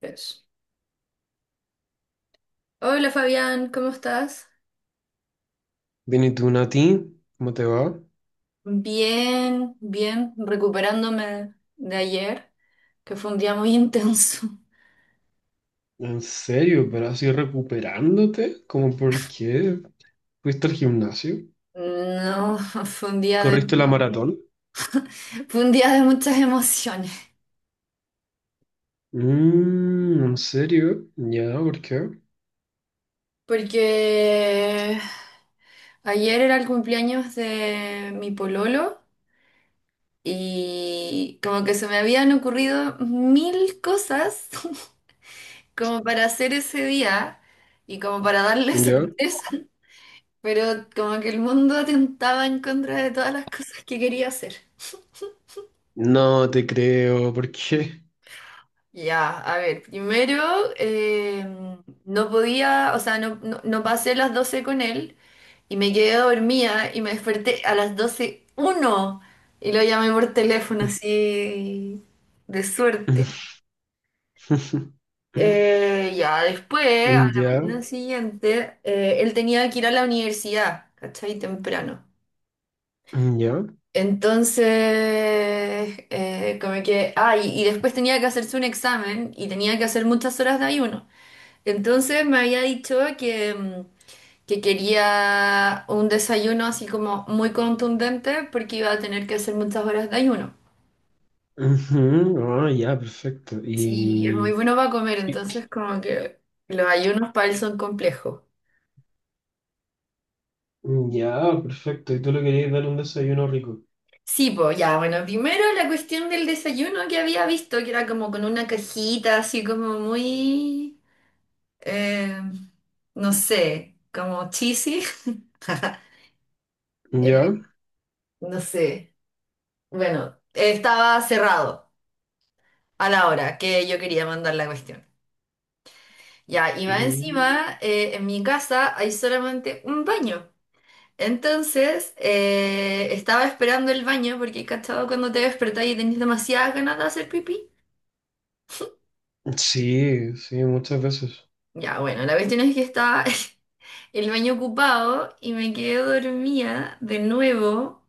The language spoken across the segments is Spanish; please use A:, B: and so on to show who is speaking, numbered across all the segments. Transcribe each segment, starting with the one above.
A: Eso. Hola Fabián, ¿cómo estás?
B: Bien, ¿y tú, Nati? ¿Cómo te va?
A: Bien, recuperándome de ayer, que fue un día muy intenso.
B: ¿En serio? ¿Pero así recuperándote? ¿Cómo por qué? ¿Fuiste al gimnasio?
A: No, fue un día
B: ¿Corriste la Sí, maratón?
A: fue un día de muchas emociones,
B: Mm, ¿en serio? ¿Ya? ¿Por qué?
A: porque ayer era el cumpleaños de mi pololo y como que se me habían ocurrido mil cosas como para hacer ese día y como para darle
B: ¿Ya?
A: sorpresa. Pero como que el mundo atentaba en contra de todas las cosas que quería hacer.
B: No te creo, ¿por qué?
A: Ya, a ver, primero eh, no podía, o sea, no pasé las 12 con él y me quedé dormida y me desperté a las 12:01 y lo llamé por teléfono así de suerte. Ya, después, a la
B: ¿Ya?
A: mañana siguiente, él tenía que ir a la universidad, ¿cachai? Temprano.
B: ¿Ya?
A: Entonces, como que, ah, y después tenía que hacerse un examen y tenía que hacer muchas horas de ayuno. Entonces me había dicho que, que quería un desayuno así como muy contundente porque iba a tener que hacer muchas horas de ayuno.
B: Ujú. Ah, ya, perfecto.
A: Sí, es muy bueno para comer,
B: Y-
A: entonces como que los ayunos para él son complejos.
B: Ya, perfecto. ¿Y tú le querías dar un desayuno rico?
A: Sí, pues ya, bueno, primero la cuestión del desayuno que había visto, que era como con una cajita así como muy... eh, no sé, como cheesy, eh,
B: ¿Ya?
A: no sé. Bueno, estaba cerrado a la hora que yo quería mandar la cuestión. Ya, y más
B: Mm.
A: encima, en mi casa hay solamente un baño. Entonces, estaba esperando el baño porque, ¿cachado? Cuando te despertás y tenés demasiadas ganas de hacer pipí.
B: Sí, sí, muchas veces.
A: Ya, bueno, la cuestión es que estaba el baño ocupado y me quedé dormida de nuevo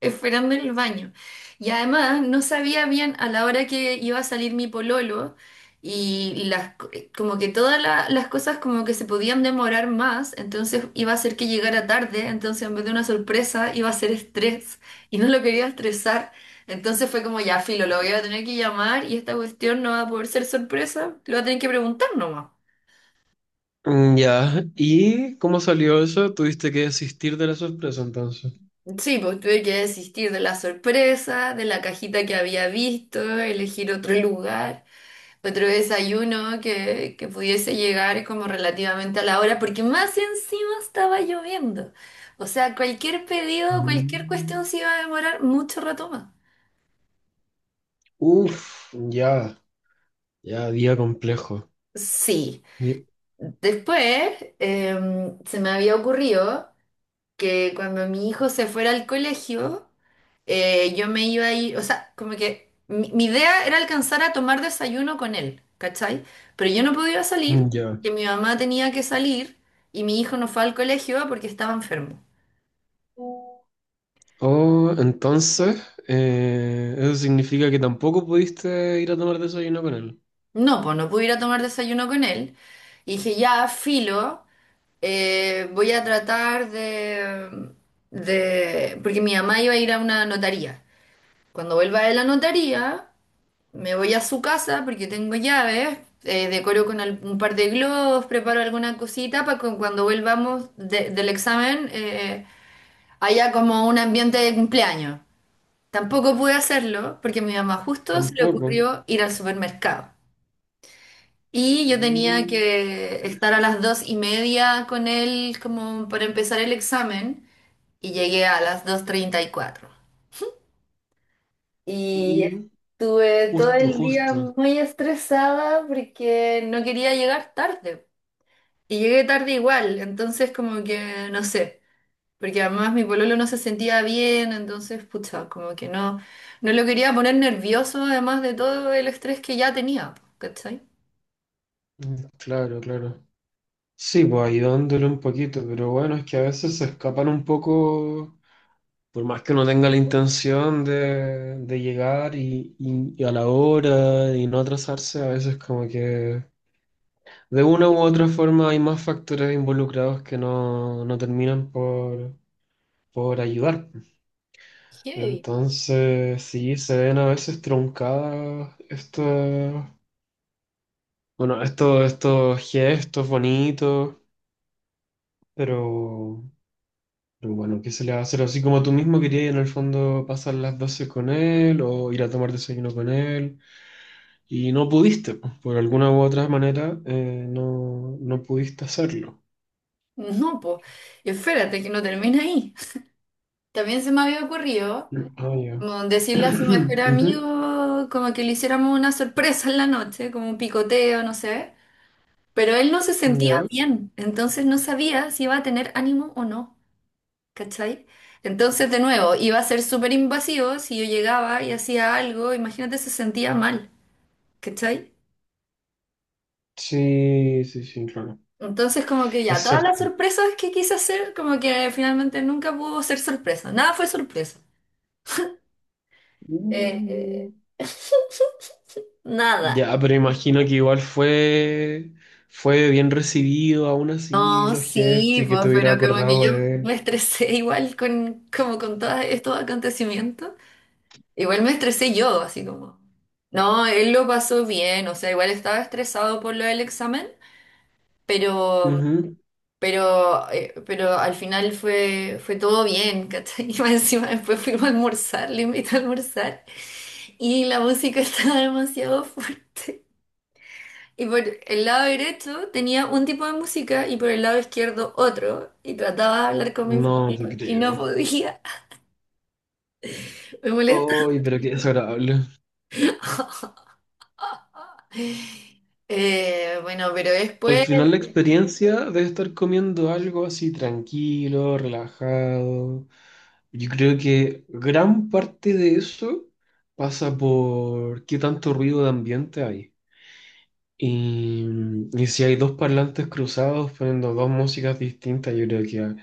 A: esperando en el baño. Y además no sabía bien a la hora que iba a salir mi pololo y como que todas las cosas como que se podían demorar más, entonces iba a ser que llegara tarde, entonces en vez de una sorpresa iba a ser estrés y no lo quería estresar. Entonces fue como ya, filo, lo voy a tener que llamar y esta cuestión no va a poder ser sorpresa, lo va a tener que preguntar nomás.
B: Mm. Ya, ¿y cómo salió eso? ¿Tuviste que desistir de la sorpresa entonces?
A: Sí, pues tuve que desistir de la sorpresa, de la cajita que había visto, elegir otro lugar. Otro desayuno que pudiese llegar como relativamente a la hora, porque más encima estaba lloviendo. O sea, cualquier pedido, cualquier cuestión
B: Mm.
A: se iba a demorar mucho rato más.
B: Uf, ya, ya, día complejo.
A: Sí.
B: Di-
A: Después se me había ocurrido que cuando mi hijo se fuera al colegio, yo me iba a ir, o sea, como que mi idea era alcanzar a tomar desayuno con él, ¿cachai? Pero yo no podía salir,
B: Ya.
A: que mi mamá tenía que salir y mi hijo no fue al colegio porque estaba enfermo.
B: Oh, entonces, eso significa que tampoco pudiste ir a tomar desayuno con él.
A: No, pues no pude ir a tomar desayuno con él. Y dije, ya, filo, voy a tratar Porque mi mamá iba a ir a una notaría. Cuando vuelva de la notaría... Me voy a su casa porque tengo llaves, decoro con un par de globos, preparo alguna cosita para que cuando volvamos del examen haya como un ambiente de cumpleaños. Tampoco pude hacerlo porque a mi mamá justo se le
B: Tampoco.
A: ocurrió ir al supermercado. Y yo tenía
B: Mm.
A: que estar a las 2:30 con él como para empezar el examen y llegué a las 2:34. Y
B: Mm.
A: estuve todo
B: Justo,
A: el día
B: justo.
A: muy estresada porque no quería llegar tarde. Y llegué tarde igual, entonces como que no sé, porque además mi pololo no se sentía bien, entonces pucha, como que no, no lo quería poner nervioso además de todo el estrés que ya tenía, po, ¿cachai?
B: Mm. Claro, claro. Sí, pues ayudándole un poquito, pero bueno, es que a veces se escapan un poco. Por más que uno tenga la intención de llegar y a la hora y no atrasarse, a veces como que de una u otra forma hay más factores involucrados que no terminan por ayudar.
A: Heavy.
B: Entonces, sí, se ven a veces truncadas estos gestos bonitos, pero... Pero bueno, ¿qué se le va a hacer? Así como tú mismo querías en el fondo pasar las 12 con él o ir a tomar desayuno con él. Y no pudiste, pues, por alguna u otra manera, no, no pudiste hacerlo.
A: No, pues, espérate que no termina ahí. También se me había ocurrido
B: Ah, ya.
A: como decirle a su mejor
B: Ujú.
A: amigo como que le hiciéramos una sorpresa en la noche, como un picoteo, no sé. Pero él no se sentía
B: Ya.
A: bien, entonces no sabía si iba a tener ánimo o no, ¿cachai? Entonces, de nuevo, iba a ser súper invasivo si yo llegaba y hacía algo, imagínate, se sentía mal, ¿cachai?
B: Sí, sí, sí, claro.
A: Entonces, como que ya,
B: Es
A: todas las
B: cierto.
A: sorpresas que quise hacer, como que finalmente nunca pudo ser sorpresa, nada fue sorpresa. Eh,
B: Mm.
A: eh, nada.
B: Ya, pero imagino que igual fue bien recibido, aún así,
A: No,
B: los
A: sí,
B: gestos y que
A: pues,
B: te hubiera
A: pero como que
B: acordado
A: yo
B: de
A: me
B: él.
A: estresé igual como con todos estos acontecimientos. Igual me estresé yo, así como. No, él lo pasó bien, o sea, igual estaba estresado por lo del examen, pero,
B: Ujú.
A: pero al final fue todo bien, ¿cachai? Y más encima después fuimos a almorzar, le invité a almorzar, y la música estaba demasiado fuerte. Y por el lado derecho tenía un tipo de música y por el lado izquierdo otro, y trataba de hablar con mi
B: No te
A: familia y no
B: creo.
A: podía, me molestaba.
B: Ay, pero qué desagradable.
A: Bueno, pero
B: Al
A: después,
B: final la experiencia de estar comiendo algo así tranquilo, relajado, yo creo que gran parte de eso pasa por qué tanto ruido de ambiente hay. Y, y si hay dos parlantes cruzados poniendo dos músicas distintas, yo creo que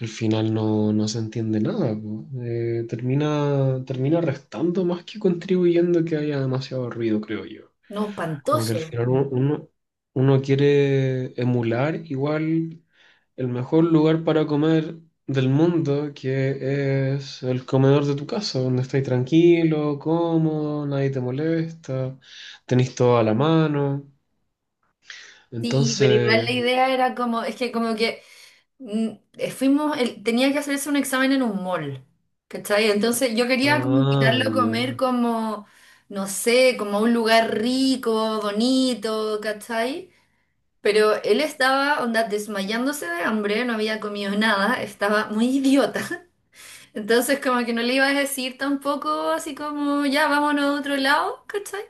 B: al final no, no se entiende nada. Po. Termina, termina restando más que contribuyendo que haya demasiado ruido, creo yo.
A: no,
B: Como que al
A: espantoso.
B: final uno quiere emular igual el mejor lugar para comer del mundo, que es el comedor de tu casa, donde estáis tranquilo, cómodo, nadie te molesta, tenéis todo a la mano.
A: Sí, pero igual la
B: Entonces,
A: idea era como, es que como que mm, fuimos, tenía que hacerse un examen en un mall, ¿cachai? Entonces yo quería como invitarlo
B: ah,
A: a comer
B: ya.
A: como, no sé, como a un lugar rico, bonito, ¿cachai? Pero él estaba, onda, desmayándose de hambre, no había comido nada, estaba muy idiota. Entonces como que no le iba a decir tampoco así como, ya, vámonos a otro lado, ¿cachai?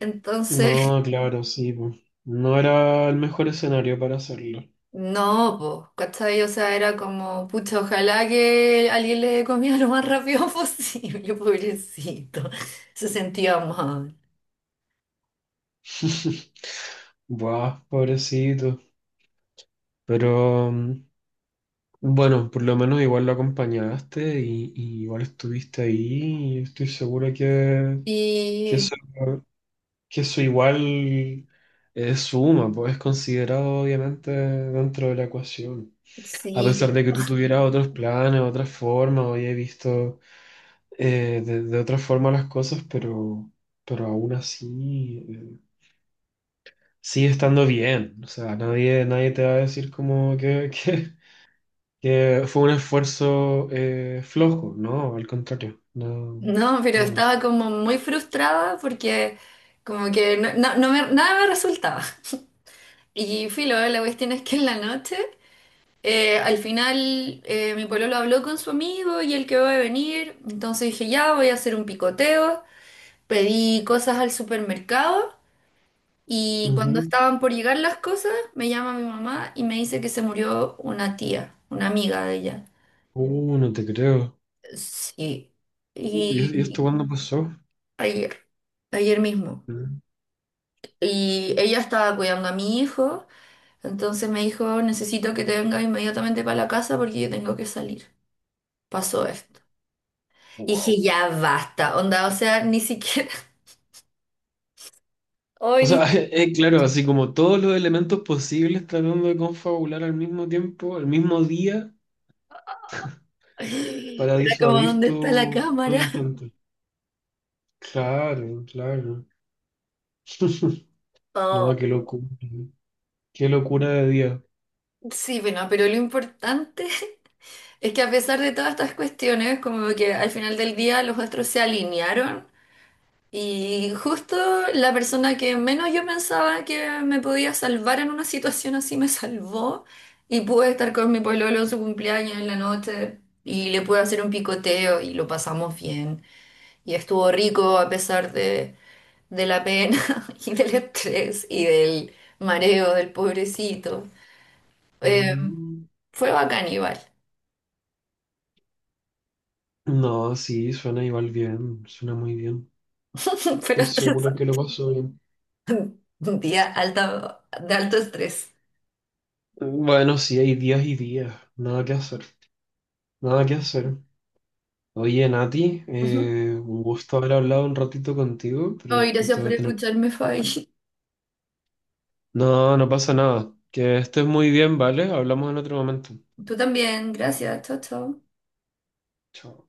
A: Entonces...
B: No, claro, sí. po. No era el mejor escenario para hacerlo.
A: No, pues, ¿cachai? O sea, era como, pucha, ojalá que alguien le dé comida lo más rápido posible, pobrecito. Se sentía mal.
B: Buah, pobrecito. Pero... mm, Bueno, por lo menos igual lo acompañaste y igual estuviste ahí y estoy seguro que, que
A: Y
B: eso, que eso igual es suma, pues es considerado obviamente dentro de la ecuación. A
A: sí,
B: pesar de que tú tuvieras otros planes, otras formas, o hayas visto de otra forma las cosas, pero aún así sigue estando bien. O sea, nadie, nadie te va a decir como que, que fue un esfuerzo flojo, ¿no? Al contrario, no,
A: no, pero
B: no.
A: estaba como muy frustrada porque como que no, nada me resultaba. Y filo, la cuestión es que en la noche, al final mi pololo habló con su amigo y él que va a venir, entonces dije, ya voy a hacer un picoteo, pedí cosas al supermercado. Y cuando
B: Ujú.
A: estaban por llegar las cosas, me llama mi mamá y me dice que se murió una tía, una amiga de ella.
B: No te creo.
A: Sí.
B: ¿Y esto
A: Y
B: cuándo pasó?
A: ayer, ayer mismo. Y ella estaba cuidando a mi hijo, entonces me dijo, necesito que te vengas inmediatamente para la casa porque yo tengo que salir. Pasó esto. Y dije,
B: Wow.
A: ya basta, onda, o sea, ni siquiera... Hoy
B: O
A: ni...
B: sea, es claro, así como todos los elementos posibles tratando de confabular al mismo tiempo, al mismo día, para
A: Era como,
B: disuadir
A: ¿dónde está la
B: tu
A: cámara?
B: intento. Claro, claro.
A: Oh,
B: No, qué locura. ¿No? Qué locura de día.
A: sí, bueno, pero lo importante... Es que a pesar de todas estas cuestiones, como que al final del día los astros se alinearon y justo la persona que menos yo pensaba que me podía salvar en una situación así me salvó y pude estar con mi pololo en su cumpleaños en la noche y le pude hacer un picoteo y lo pasamos bien y estuvo rico a pesar de la pena y del estrés y del mareo del pobrecito. Eh,
B: Mm.
A: Fue bacán igual,
B: No, sí, suena igual bien, suena muy bien.
A: pero
B: Estoy seguro que lo pasó bien.
A: un día alta, de alto estrés.
B: Bueno, sí, hay días y días. Nada que hacer. Nada que hacer. Oye, Nati,
A: Ujú.
B: un gusto haber hablado un ratito contigo, pero
A: Ay, gracias
B: te voy
A: por
B: a tener...
A: escucharme, Fabi.
B: No, no pasa nada. Que estés muy bien, ¿vale? Hablamos en otro momento.
A: Tú también, gracias. Chao, chao.
B: Chao.